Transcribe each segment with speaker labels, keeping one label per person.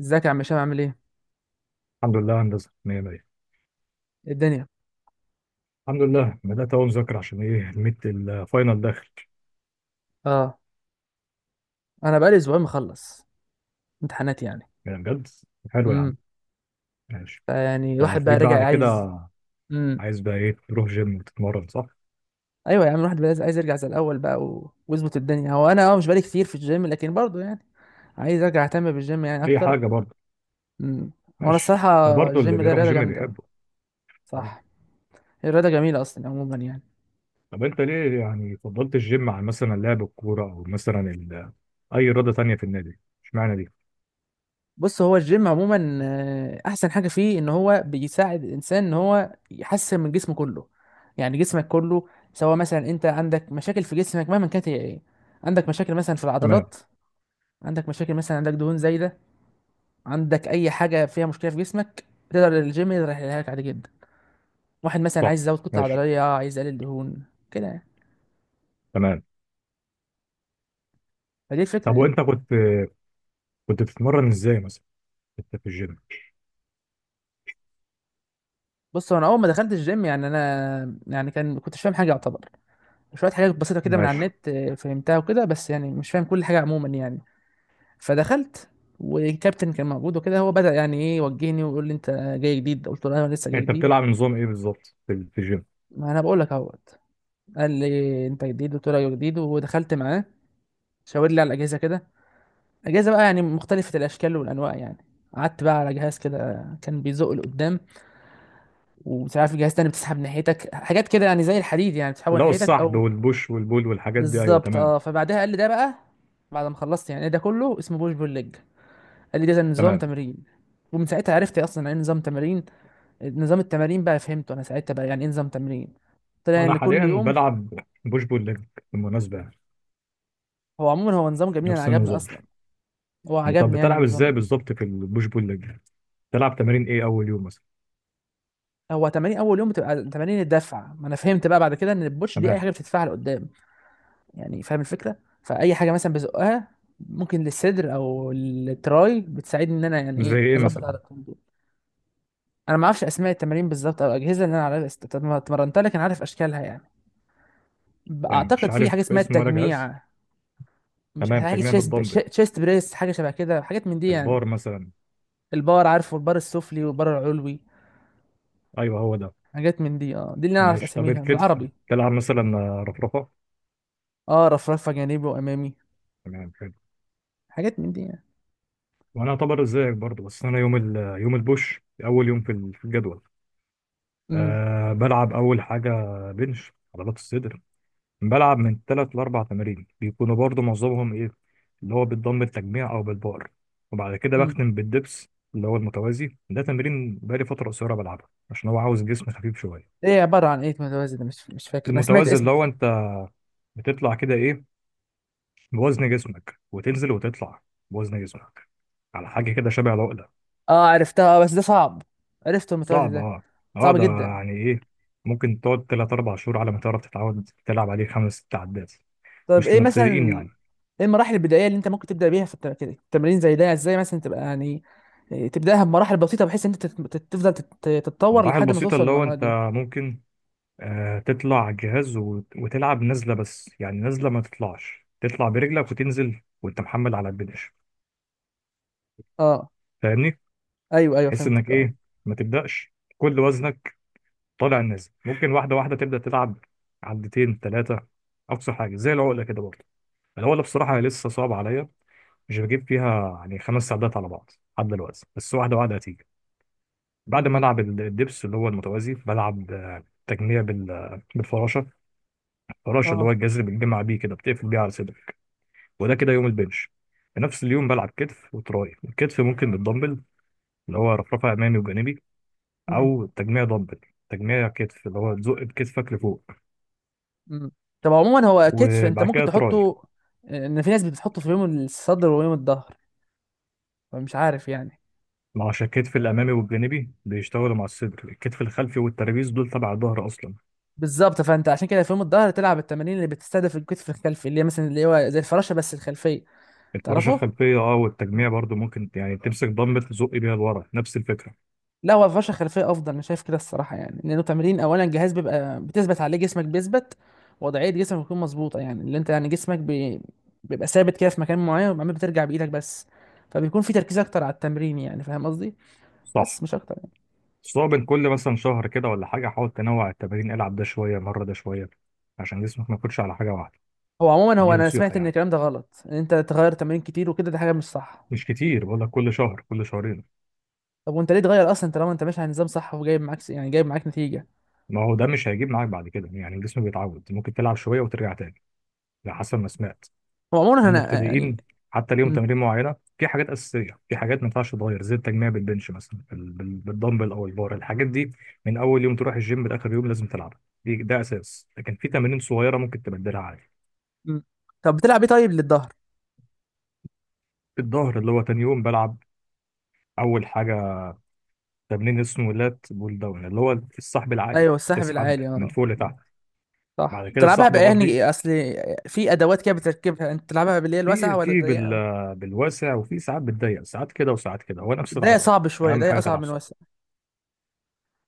Speaker 1: ازيك يا عم هشام، عامل ايه؟
Speaker 2: الحمد لله يا هندسة، مية مية.
Speaker 1: إيه الدنيا؟
Speaker 2: الحمد لله بدأت أول مذاكرة عشان إيه الميد الفاينل داخل.
Speaker 1: اه. انا بقالي اسبوعين مخلص امتحانات يعني.
Speaker 2: يعني بجد حلو يا عم.
Speaker 1: امم
Speaker 2: ماشي.
Speaker 1: فيعني الواحد بقى
Speaker 2: فتلاقيك بقى
Speaker 1: رجع
Speaker 2: على كده
Speaker 1: عايز. امم،
Speaker 2: عايز بقى إيه، تروح جيم وتتمرن صح؟
Speaker 1: ايوه يا عم، الواحد بقى عايز يرجع زي الاول بقى ويظبط الدنيا. هو انا مش بقالي كتير في الجيم، لكن برضه يعني عايز ارجع اهتم بالجيم يعني
Speaker 2: أي
Speaker 1: اكتر.
Speaker 2: حاجة برضه.
Speaker 1: امم وانا
Speaker 2: ماشي.
Speaker 1: الصراحه،
Speaker 2: وبرضه اللي
Speaker 1: الجيم ده
Speaker 2: بيروح
Speaker 1: رياضه
Speaker 2: جيم
Speaker 1: جامده،
Speaker 2: بيحبه. أه.
Speaker 1: صح؟ الرياضه جميله اصلا عموما يعني.
Speaker 2: طب أنت ليه يعني فضلت الجيم عن مثلا لعب الكورة أو مثلا أي رياضة تانية في النادي؟ إشمعنى دي؟
Speaker 1: بص، هو الجيم عموما احسن حاجه فيه ان هو بيساعد الانسان ان هو يحسن من جسمه كله، يعني جسمك كله. سواء مثلا انت عندك مشاكل في جسمك مهما كانت هي ايه، عندك مشاكل مثلا في
Speaker 2: تمام.
Speaker 1: العضلات، عندك مشاكل مثلا، عندك دهون زايده، عندك اي حاجه فيها مشكله في جسمك، تقدر الجيم يقدر يحلها لك عادي جدا. واحد مثلا
Speaker 2: صح.
Speaker 1: عايز يزود كتله
Speaker 2: ماشي.
Speaker 1: عضليه، عايز يقلل دهون كده يعني.
Speaker 2: تمام.
Speaker 1: فدي الفكره
Speaker 2: طب
Speaker 1: يعني.
Speaker 2: وأنت كنت بتتمرن إزاي مثلا أنت في الجيم؟
Speaker 1: بص، هو انا اول ما دخلت الجيم يعني انا يعني كان كنت مش فاهم حاجه يعتبر. شوية حاجات بسيطة كده من على
Speaker 2: ماشي.
Speaker 1: النت فهمتها وكده، بس يعني مش فاهم كل حاجة عموما يعني. فدخلت، والكابتن كان موجود وكده، هو بدأ يعني ايه يوجهني ويقول لي انت جاي جديد. قلت له أيوة، انا لسه جاي
Speaker 2: يعني أنت
Speaker 1: جديد.
Speaker 2: بتلعب نظام إيه بالظبط في الجيم؟
Speaker 1: ما انا بقول لك اهوت. قال لي انت جديد، قلت له ايوه جديد، ودخلت معاه. شاور لي على الاجهزه كده، اجهزه بقى يعني مختلفه الاشكال والانواع يعني. قعدت بقى على جهاز كده كان بيزق لقدام، ومش عارف جهاز تاني بتسحب ناحيتك حاجات كده، يعني زي الحديد يعني بتسحبه
Speaker 2: اللي هو
Speaker 1: ناحيتك
Speaker 2: السحب
Speaker 1: او.
Speaker 2: والبوش والبول والحاجات دي، ايوه
Speaker 1: بالظبط
Speaker 2: تمام.
Speaker 1: اه، فبعدها قال لي ده بقى، بعد ما خلصت يعني، ده كله اسمه بوش بول ليج. قال لي ده زي نظام
Speaker 2: تمام.
Speaker 1: تمرين، ومن ساعتها عرفت اصلا يعني ايه نظام تمارين. نظام التمارين بقى فهمته انا ساعتها، بقى يعني ايه نظام تمرين. طلع
Speaker 2: انا
Speaker 1: ان كل
Speaker 2: حاليا
Speaker 1: يوم.
Speaker 2: بلعب بوش بول ليج بالمناسبه، يعني
Speaker 1: هو عموما هو نظام جميل، انا
Speaker 2: نفس
Speaker 1: عجبني
Speaker 2: النظام.
Speaker 1: اصلا. هو
Speaker 2: طب
Speaker 1: عجبني يعني
Speaker 2: بتلعب
Speaker 1: النظام
Speaker 2: ازاي
Speaker 1: ده.
Speaker 2: بالظبط في البوش بول ليج؟ بتلعب تمارين ايه اول يوم مثلا؟
Speaker 1: هو تمارين اول يوم بتبقى تمارين الدفع، ما انا فهمت بقى بعد كده ان البوش دي اي
Speaker 2: تمام.
Speaker 1: حاجه بتدفعها لقدام، يعني فاهم الفكره. فاي حاجه مثلا بزقها، ممكن للصدر او التراي، بتساعدني ان انا يعني
Speaker 2: مش زي
Speaker 1: ايه
Speaker 2: ايه
Speaker 1: اظبط
Speaker 2: مثلا؟
Speaker 1: على الكوندو. انا ما اعرفش اسماء التمارين بالظبط او الاجهزه، اللي انا عارف اتمرنتها، لكن عارف اشكالها يعني.
Speaker 2: يعني مش
Speaker 1: اعتقد في
Speaker 2: عارف
Speaker 1: حاجه اسمها
Speaker 2: اسمه ولا جهاز.
Speaker 1: التجميع، مش
Speaker 2: تمام،
Speaker 1: حاجه
Speaker 2: تجميع
Speaker 1: تشيست
Speaker 2: بالدمبل،
Speaker 1: تشيست بريس، حاجه شبه كده، حاجات من دي يعني.
Speaker 2: البار مثلا.
Speaker 1: البار، عارفه البار السفلي والبار العلوي.
Speaker 2: ايوه هو ده.
Speaker 1: حاجات من دي اه، دي اللي انا اعرف
Speaker 2: ماشي، طب
Speaker 1: اساميها
Speaker 2: الكتف
Speaker 1: بالعربي.
Speaker 2: تلعب مثلا رفرفه؟
Speaker 1: اه، رفرفه جانبي وامامي،
Speaker 2: تمام، حلو.
Speaker 1: حاجات من دي يعني.
Speaker 2: وانا اعتبر زيك برضه، بس انا يوم يوم البوش اول يوم في في الجدول.
Speaker 1: امم.
Speaker 2: أه، بلعب اول حاجه بنش عضلات الصدر. بلعب من ثلاث لأربع تمارين بيكونوا برضو معظمهم إيه، اللي هو بالضم التجميع أو بالبار. وبعد كده
Speaker 1: امم.
Speaker 2: بختم بالدبس، اللي هو المتوازي. ده تمرين بقالي فترة قصيرة بلعبه عشان هو عاوز جسم خفيف شوية.
Speaker 1: ايه عباره عن ايه متوازي ده؟ مش فاكر انا سمعت
Speaker 2: المتوازي اللي
Speaker 1: اسمه.
Speaker 2: هو أنت بتطلع كده إيه، بوزن جسمك، وتنزل وتطلع بوزن جسمك على حاجة كده شبه العقلة.
Speaker 1: اه عرفتها بس ده صعب. عرفته المتوازي
Speaker 2: صعب
Speaker 1: ده.
Speaker 2: أه. أه،
Speaker 1: صعب
Speaker 2: ده
Speaker 1: جدا.
Speaker 2: يعني إيه، ممكن تقعد تلات أربع شهور على ما تعرف تتعود تلعب عليه خمس ست عدات.
Speaker 1: طب
Speaker 2: مش
Speaker 1: ايه مثلا
Speaker 2: للمبتدئين يعني.
Speaker 1: ايه المراحل البدائيه اللي انت ممكن تبدا بيها في كده التمرين زي ده، ازاي مثلا تبقى يعني إيه، تبداها بمراحل بسيطه بحيث ان انت تفضل تتطور
Speaker 2: المراحل
Speaker 1: لحد ما
Speaker 2: البسيطة
Speaker 1: توصل
Speaker 2: اللي هو
Speaker 1: للمرحله دي.
Speaker 2: أنت ممكن آه، تطلع جهاز وتلعب نازلة، بس يعني نازلة ما تطلعش، تطلع برجلك وتنزل وانت محمل على البنش.
Speaker 1: اه.
Speaker 2: فاهمني؟
Speaker 1: ايوه ايوه
Speaker 2: تحس انك
Speaker 1: فهمتك اه.
Speaker 2: ايه، ما تبدأش كل وزنك طالع نازل، ممكن واحدة واحدة تبدأ تلعب عدتين ثلاثة. أقصى حاجة زي العقلة كده برضه. العقلة بصراحة هي لسه صعبة عليا، مش بجيب فيها يعني خمس عدات على بعض لحد دلوقتي، بس واحدة واحدة هتيجي. بعد ما
Speaker 1: امم.
Speaker 2: ألعب الدبس اللي هو المتوازي، بلعب آه، تجميع بالفراشة. الفراشة اللي هو
Speaker 1: اه.
Speaker 2: الجذر، بتجمع بيه كده بتقفل بيه على صدرك. وده كده يوم البنش. في نفس اليوم بلعب كتف وتراي. الكتف ممكن بالدمبل، اللي هو رفرفه امامي وجانبي،
Speaker 1: امم.
Speaker 2: او تجميع دمبل، تجميع كتف اللي هو تزق بكتفك لفوق.
Speaker 1: امم. طب عموما، هو كتف انت
Speaker 2: وبعد
Speaker 1: ممكن
Speaker 2: كده تراي.
Speaker 1: تحطه ان في ناس بتحطه في يوم الصدر ويوم الظهر، فمش عارف يعني.
Speaker 2: ما عشان الكتف الامامي والجانبي بيشتغلوا مع الصدر، الكتف الخلفي والترابيز دول تبع الظهر اصلا.
Speaker 1: بالظبط، فانت عشان كده في يوم الظهر تلعب التمارين اللي بتستهدف الكتف الخلفي، اللي هي مثلا اللي هو زي الفراشه بس الخلفيه.
Speaker 2: الفراشه
Speaker 1: تعرفه؟
Speaker 2: الخلفيه اه، والتجميع برضو ممكن يعني تمسك دمبل تزق بيها لورا، نفس الفكره.
Speaker 1: لا، هو الفرشه الخلفيه افضل، انا شايف كده الصراحه يعني، لانه تمرين اولا الجهاز بيبقى بتثبت عليه، جسمك بيثبت، وضعيه جسمك بتكون مظبوطه، يعني اللي انت يعني جسمك بيبقى ثابت كده في مكان معين، وبعدين بترجع بايدك بس، فبيكون في تركيز اكتر على التمرين، يعني فاهم قصدي.
Speaker 2: صح.
Speaker 1: بس مش اكتر يعني.
Speaker 2: بس هو بين كل مثلا شهر كده ولا حاجه حاول تنوع التمارين، العب ده شويه مره ده شويه، عشان جسمك ما يكونش على حاجه واحده.
Speaker 1: هو عموما،
Speaker 2: دي
Speaker 1: هو انا
Speaker 2: نصيحه
Speaker 1: سمعت ان
Speaker 2: يعني،
Speaker 1: الكلام ده غلط، ان انت تغير تمارين كتير وكده، ده حاجه مش صح.
Speaker 2: مش كتير، بقول لك كل شهر كل شهرين.
Speaker 1: طب وانت ليه تغير اصلا طالما انت ماشي على نظام صح، وجايب معاك يعني جايب معاك نتيجه.
Speaker 2: ما هو ده مش هيجيب معاك بعد كده، يعني الجسم بيتعود، ممكن تلعب شويه وترجع تاني. على حسب ما سمعت
Speaker 1: هو عموما
Speaker 2: ان
Speaker 1: انا يعني
Speaker 2: المبتدئين حتى ليهم
Speaker 1: م-
Speaker 2: تمارين معينه، في حاجات اساسيه، في حاجات ما ينفعش تتغير زي التجميع بالبنش مثلا بالدمبل او البار، الحاجات دي من اول يوم تروح الجيم لاخر يوم لازم تلعبها. ده اساس، لكن في تمارين صغيره ممكن تبدلها عادي.
Speaker 1: م. طب بتلعب ايه طيب للظهر؟
Speaker 2: الظهر اللي هو تاني يوم بلعب اول حاجه تمرين اسمه لات بول داون، اللي هو السحب العالي،
Speaker 1: ايوه، السحب
Speaker 2: تسحب
Speaker 1: العالي
Speaker 2: من
Speaker 1: اه.
Speaker 2: فوق لتحت.
Speaker 1: صح،
Speaker 2: بعد كده
Speaker 1: بتلعبها
Speaker 2: السحب
Speaker 1: بقى
Speaker 2: ارضي.
Speaker 1: يعني اصل. في ادوات كده بتركبها، انت بتلعبها باللي هي الواسعه
Speaker 2: في
Speaker 1: ولا
Speaker 2: في
Speaker 1: الضيقه أوي؟
Speaker 2: بالواسع، وفي ساعات بالضيق، ساعات كده وساعات كده هو نفس
Speaker 1: الضيقه
Speaker 2: العضله.
Speaker 1: صعب شويه،
Speaker 2: اهم
Speaker 1: الضيقه
Speaker 2: حاجه
Speaker 1: اصعب
Speaker 2: تلعب
Speaker 1: من
Speaker 2: صح.
Speaker 1: الواسعه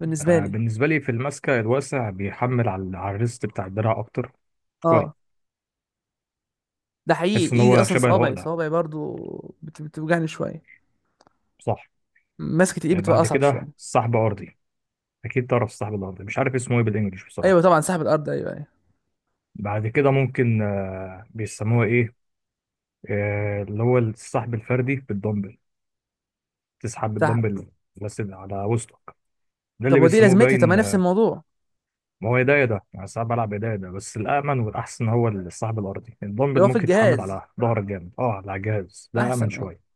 Speaker 1: بالنسبه
Speaker 2: آه،
Speaker 1: لي.
Speaker 2: بالنسبه لي في المسكه الواسع بيحمل على على الريست بتاع الدراع اكتر شويه.
Speaker 1: اه، ده
Speaker 2: بحس
Speaker 1: حقيقي،
Speaker 2: ان
Speaker 1: ايدي
Speaker 2: هو
Speaker 1: اصلا،
Speaker 2: شبه
Speaker 1: صوابعي
Speaker 2: العقله.
Speaker 1: صوابعي برضو بتوجعني شويه.
Speaker 2: صح.
Speaker 1: مسكه الايد
Speaker 2: آه،
Speaker 1: بتبقى
Speaker 2: بعد
Speaker 1: اصعب
Speaker 2: كده
Speaker 1: شويه.
Speaker 2: سحب ارضي. اكيد تعرف السحب الارضي، مش عارف اسمه ايه بالانجلش
Speaker 1: ايوه
Speaker 2: بصراحه.
Speaker 1: طبعا، سحب الارض، ايوه ايوه.
Speaker 2: بعد كده ممكن آه، بيسموها ايه، آه، اللي هو السحب الفردي بالدمبل، تسحب
Speaker 1: سحب.
Speaker 2: بالدمبل بس على وسطك. ده
Speaker 1: طب
Speaker 2: اللي
Speaker 1: ودي
Speaker 2: بيسموه
Speaker 1: لازمتها؟ طب ما
Speaker 2: باين.
Speaker 1: نفس الموضوع.
Speaker 2: ما هو ايديا ده انا ساعات بلعب ايديا ده، بس الامن والاحسن هو الصاحب الارضي، الدمبل
Speaker 1: اللي هو في
Speaker 2: ممكن يتحمل
Speaker 1: الجهاز
Speaker 2: على ظهرك جامد، اه على الجهاز ده امن
Speaker 1: احسن اه.
Speaker 2: شويه.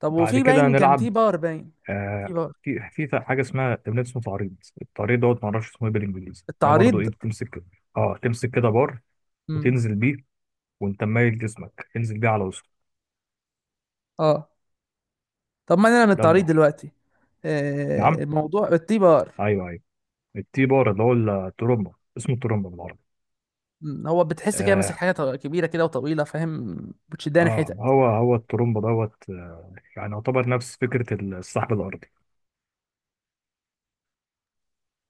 Speaker 1: طب
Speaker 2: بعد
Speaker 1: وفي
Speaker 2: كده
Speaker 1: باين؟ كان في
Speaker 2: هنلعب
Speaker 1: باور باين؟
Speaker 2: آه،
Speaker 1: في باور.
Speaker 2: حاجه اسمها تمرين اسمه تعريض. التعريض دوت ما اعرفش اسمه ايه بالانجليزي، ده برضو
Speaker 1: التعريض.
Speaker 2: ايه، بتمسك كده. اه، تمسك كده بار،
Speaker 1: امم.
Speaker 2: وتنزل بيه وانت مايل جسمك، تنزل بيه على وسطك.
Speaker 1: اه. طب ما انا من
Speaker 2: ده
Speaker 1: التعريض
Speaker 2: الظهر.
Speaker 1: دلوقتي.
Speaker 2: نعم.
Speaker 1: آه، الموضوع التي بار.
Speaker 2: ايوه ايوه. التي بار اللي هو الترومبا، اسمه الترومبا بالعربي.
Speaker 1: مم، هو بتحس كده ماسك
Speaker 2: اه
Speaker 1: حاجه كبيره كده وطويله، فاهم؟ بتشدها
Speaker 2: اه،
Speaker 1: ناحيتك.
Speaker 2: هو الترومبا دوت آه، يعني يعتبر نفس فكره السحب الارضي.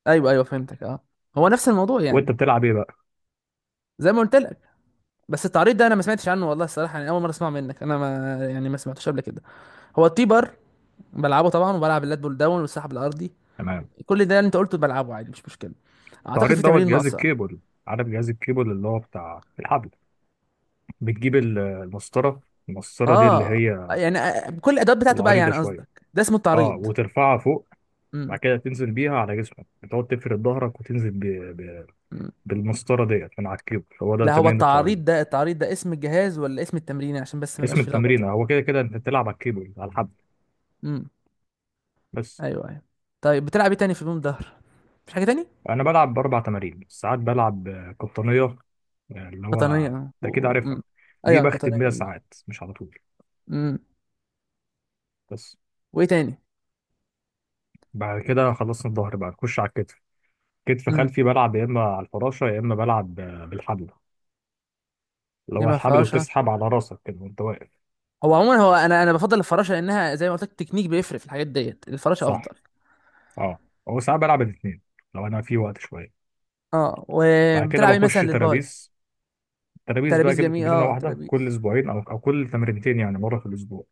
Speaker 1: ايوه ايوه فهمتك اه. هو نفس الموضوع يعني.
Speaker 2: وانت بتلعب ايه بقى.
Speaker 1: زي ما قلت لك. بس التعريض ده انا ما سمعتش عنه والله، الصراحه يعني اول مره اسمع منك، انا ما سمعتوش قبل كده. هو التي بار بلعبه طبعا، وبلعب اللات بول داون والسحب الارضي.
Speaker 2: تمام.
Speaker 1: كل ده اللي انت قلته بلعبه عادي، مش مشكله. اعتقد
Speaker 2: تعريض
Speaker 1: في
Speaker 2: دوت
Speaker 1: تمارين
Speaker 2: جهاز
Speaker 1: ناقصه.
Speaker 2: الكيبل. عارف جهاز الكيبل اللي هو بتاع الحبل، بتجيب المسطره. المسطره دي اللي
Speaker 1: اه،
Speaker 2: هي
Speaker 1: يعني بكل الادوات بتاعته بقى،
Speaker 2: العريضه
Speaker 1: يعني
Speaker 2: شويه،
Speaker 1: قصدك ده اسمه
Speaker 2: اه،
Speaker 1: التعريض.
Speaker 2: وترفعها فوق. بعد
Speaker 1: امم.
Speaker 2: كده تنزل بيها على جسمك، بتقعد تفرد ظهرك وتنزل ب...
Speaker 1: أمم.
Speaker 2: بالمسطره ديت من على الكيبل. هو ده
Speaker 1: لا، هو
Speaker 2: تمرين التعريض.
Speaker 1: التعريض ده، التعريض ده اسم الجهاز ولا اسم التمرين؟ عشان بس ما
Speaker 2: اسم
Speaker 1: يبقاش في
Speaker 2: التمرين
Speaker 1: لخبطه.
Speaker 2: هو كده، كده انت بتلعب على الكيبل، على الحبل،
Speaker 1: امم.
Speaker 2: بس.
Speaker 1: ايوه ايوه. طيب بتلعب ايه تاني في البوم ظهر؟ مفيش حاجه تاني.
Speaker 2: انا بلعب باربع تمارين، ساعات بلعب آه، قطنيه، آه، اللي هو
Speaker 1: قطنيه اه
Speaker 2: انت
Speaker 1: و...
Speaker 2: اكيد عارفها.
Speaker 1: مم.
Speaker 2: دي
Speaker 1: ايوه، قطنيه
Speaker 2: بختم بيها
Speaker 1: جميله.
Speaker 2: ساعات، مش على طول،
Speaker 1: امم.
Speaker 2: بس.
Speaker 1: وايه تاني؟
Speaker 2: بعد كده خلصنا الظهر بقى، نخش على الكتف. كتف
Speaker 1: امم.
Speaker 2: خلفي بلعب يا اما على الفراشه، يا اما بلعب آه، بالحبل، اللي هو
Speaker 1: يما
Speaker 2: الحبل
Speaker 1: فراشه.
Speaker 2: وتسحب على راسك كده وانت واقف.
Speaker 1: هو عموما هو انا بفضل الفراشه، لانها زي ما قلت لك، التكنيك بيفرق في الحاجات ديت، الفراشه
Speaker 2: صح.
Speaker 1: افضل.
Speaker 2: اه، هو ساعات بلعب الاثنين لو انا في وقت شويه.
Speaker 1: اه.
Speaker 2: بعد كده
Speaker 1: وبتلعب ايه مثلا
Speaker 2: بخش
Speaker 1: للباي؟
Speaker 2: ترابيز، ترابيز بقى
Speaker 1: ترابيز
Speaker 2: كده
Speaker 1: جميل
Speaker 2: تمرينه
Speaker 1: اه،
Speaker 2: واحده كل
Speaker 1: ترابيز.
Speaker 2: اسبوعين او كل تمرينتين، يعني مره في الاسبوع.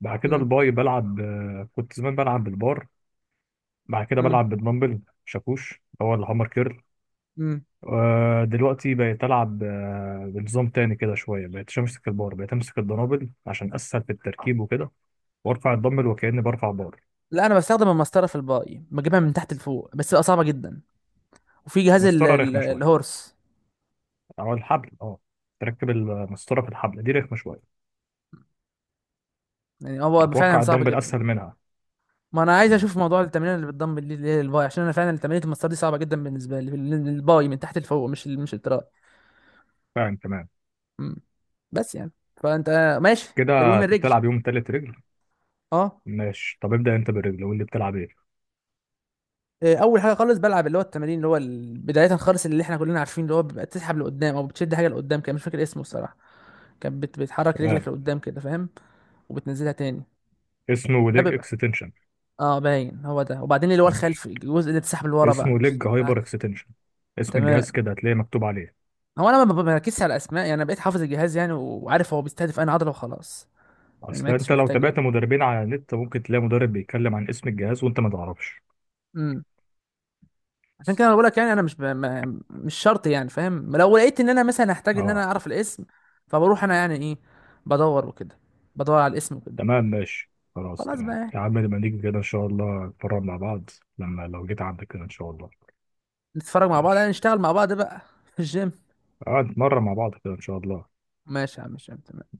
Speaker 2: بعد كده
Speaker 1: امم.
Speaker 2: الباي، بلعب آه، كنت زمان بلعب بالبار، بعد كده
Speaker 1: امم.
Speaker 2: بلعب بالدمبل شاكوش اللي هو الهامر كيرل.
Speaker 1: امم.
Speaker 2: آه، دلوقتي بقيت ألعب آه، بنظام تاني كده شوية، بقيت أمسك البار، بقيت أمسك الدنابل عشان أسهل في التركيب وكده، وأرفع الدمبل وكأني برفع بار.
Speaker 1: لا، انا بستخدم المسطره في الباي، بجيبها من تحت لفوق، بس بقى صعبه جدا. وفي جهاز
Speaker 2: مسطرة رخمة شوية،
Speaker 1: الهورس.
Speaker 2: أو الحبل أه. تركب المسطرة في الحبل، دي رخمة شوية.
Speaker 1: يعني هو فعلا
Speaker 2: أتوقع
Speaker 1: صعب
Speaker 2: الدمبل
Speaker 1: جدا.
Speaker 2: أسهل منها.
Speaker 1: ما انا عايز
Speaker 2: تمام،
Speaker 1: اشوف موضوع التمرين اللي بتضم، اللي هي الباي، عشان انا فعلا تمرينة المسار دي صعبه جدا بالنسبه لي، الباي من تحت لفوق، مش مش التراي.
Speaker 2: فاهم تمام.
Speaker 1: مم. بس يعني. فانت ماشي اروي
Speaker 2: كده
Speaker 1: من
Speaker 2: أنت
Speaker 1: الرجل.
Speaker 2: بتلعب يوم تالت رجل.
Speaker 1: اه.
Speaker 2: ماشي، طب ابدأ أنت بالرجل، قول لي بتلعب إيه.
Speaker 1: إيه، اول حاجه خالص بلعب، اللي هو التمارين، اللي هو بدايه خالص، اللي احنا كلنا عارفين، اللي هو بيبقى بتسحب لقدام او بتشد حاجه لقدام. كان مش فاكر اسمه الصراحه. كانت بتحرك
Speaker 2: تمام.
Speaker 1: رجلك لقدام كده، فاهم؟ وبتنزلها تاني.
Speaker 2: اسمه
Speaker 1: ده
Speaker 2: ليج
Speaker 1: بيبقى
Speaker 2: اكستنشن.
Speaker 1: اه، باين هو ده. وبعدين اللي هو
Speaker 2: ماشي.
Speaker 1: الخلفي، الجزء اللي بتسحب لورا بقى،
Speaker 2: اسمه
Speaker 1: مش
Speaker 2: ليج هايبر
Speaker 1: العكس.
Speaker 2: اكستنشن، اسم الجهاز
Speaker 1: تمام.
Speaker 2: كده هتلاقيه مكتوب عليه.
Speaker 1: هو انا ما بركزش على الاسماء، يعني انا بقيت حافظ الجهاز يعني، وعارف هو بيستهدف انهي عضله وخلاص، يعني ما
Speaker 2: اصل انت
Speaker 1: عدتش
Speaker 2: لو
Speaker 1: محتاج
Speaker 2: تابعت
Speaker 1: يعني.
Speaker 2: مدربين على النت ممكن تلاقي مدرب بيتكلم عن اسم الجهاز وانت ما تعرفش.
Speaker 1: امم. عشان كده انا بقول لك، يعني انا مش ب... ما... مش شرط يعني، فاهم؟ لو لقيت ان انا مثلا هحتاج ان انا
Speaker 2: اه.
Speaker 1: اعرف الاسم، فبروح انا يعني ايه، بدور وكده، بدور على الاسم وكده.
Speaker 2: تمام ماشي، خلاص
Speaker 1: خلاص بقى
Speaker 2: تمام
Speaker 1: يعني.
Speaker 2: يا عم، لما نيجي كده ان شاء الله نتمرن مع بعض. لما لو جيت عندك كده ان شاء الله.
Speaker 1: نتفرج مع بعض، يعني
Speaker 2: ماشي.
Speaker 1: نشتغل مع بعض بقى في الجيم.
Speaker 2: اه، نتمرن مع بعض كده ان شاء الله.
Speaker 1: ماشي يا عم هشام، تمام.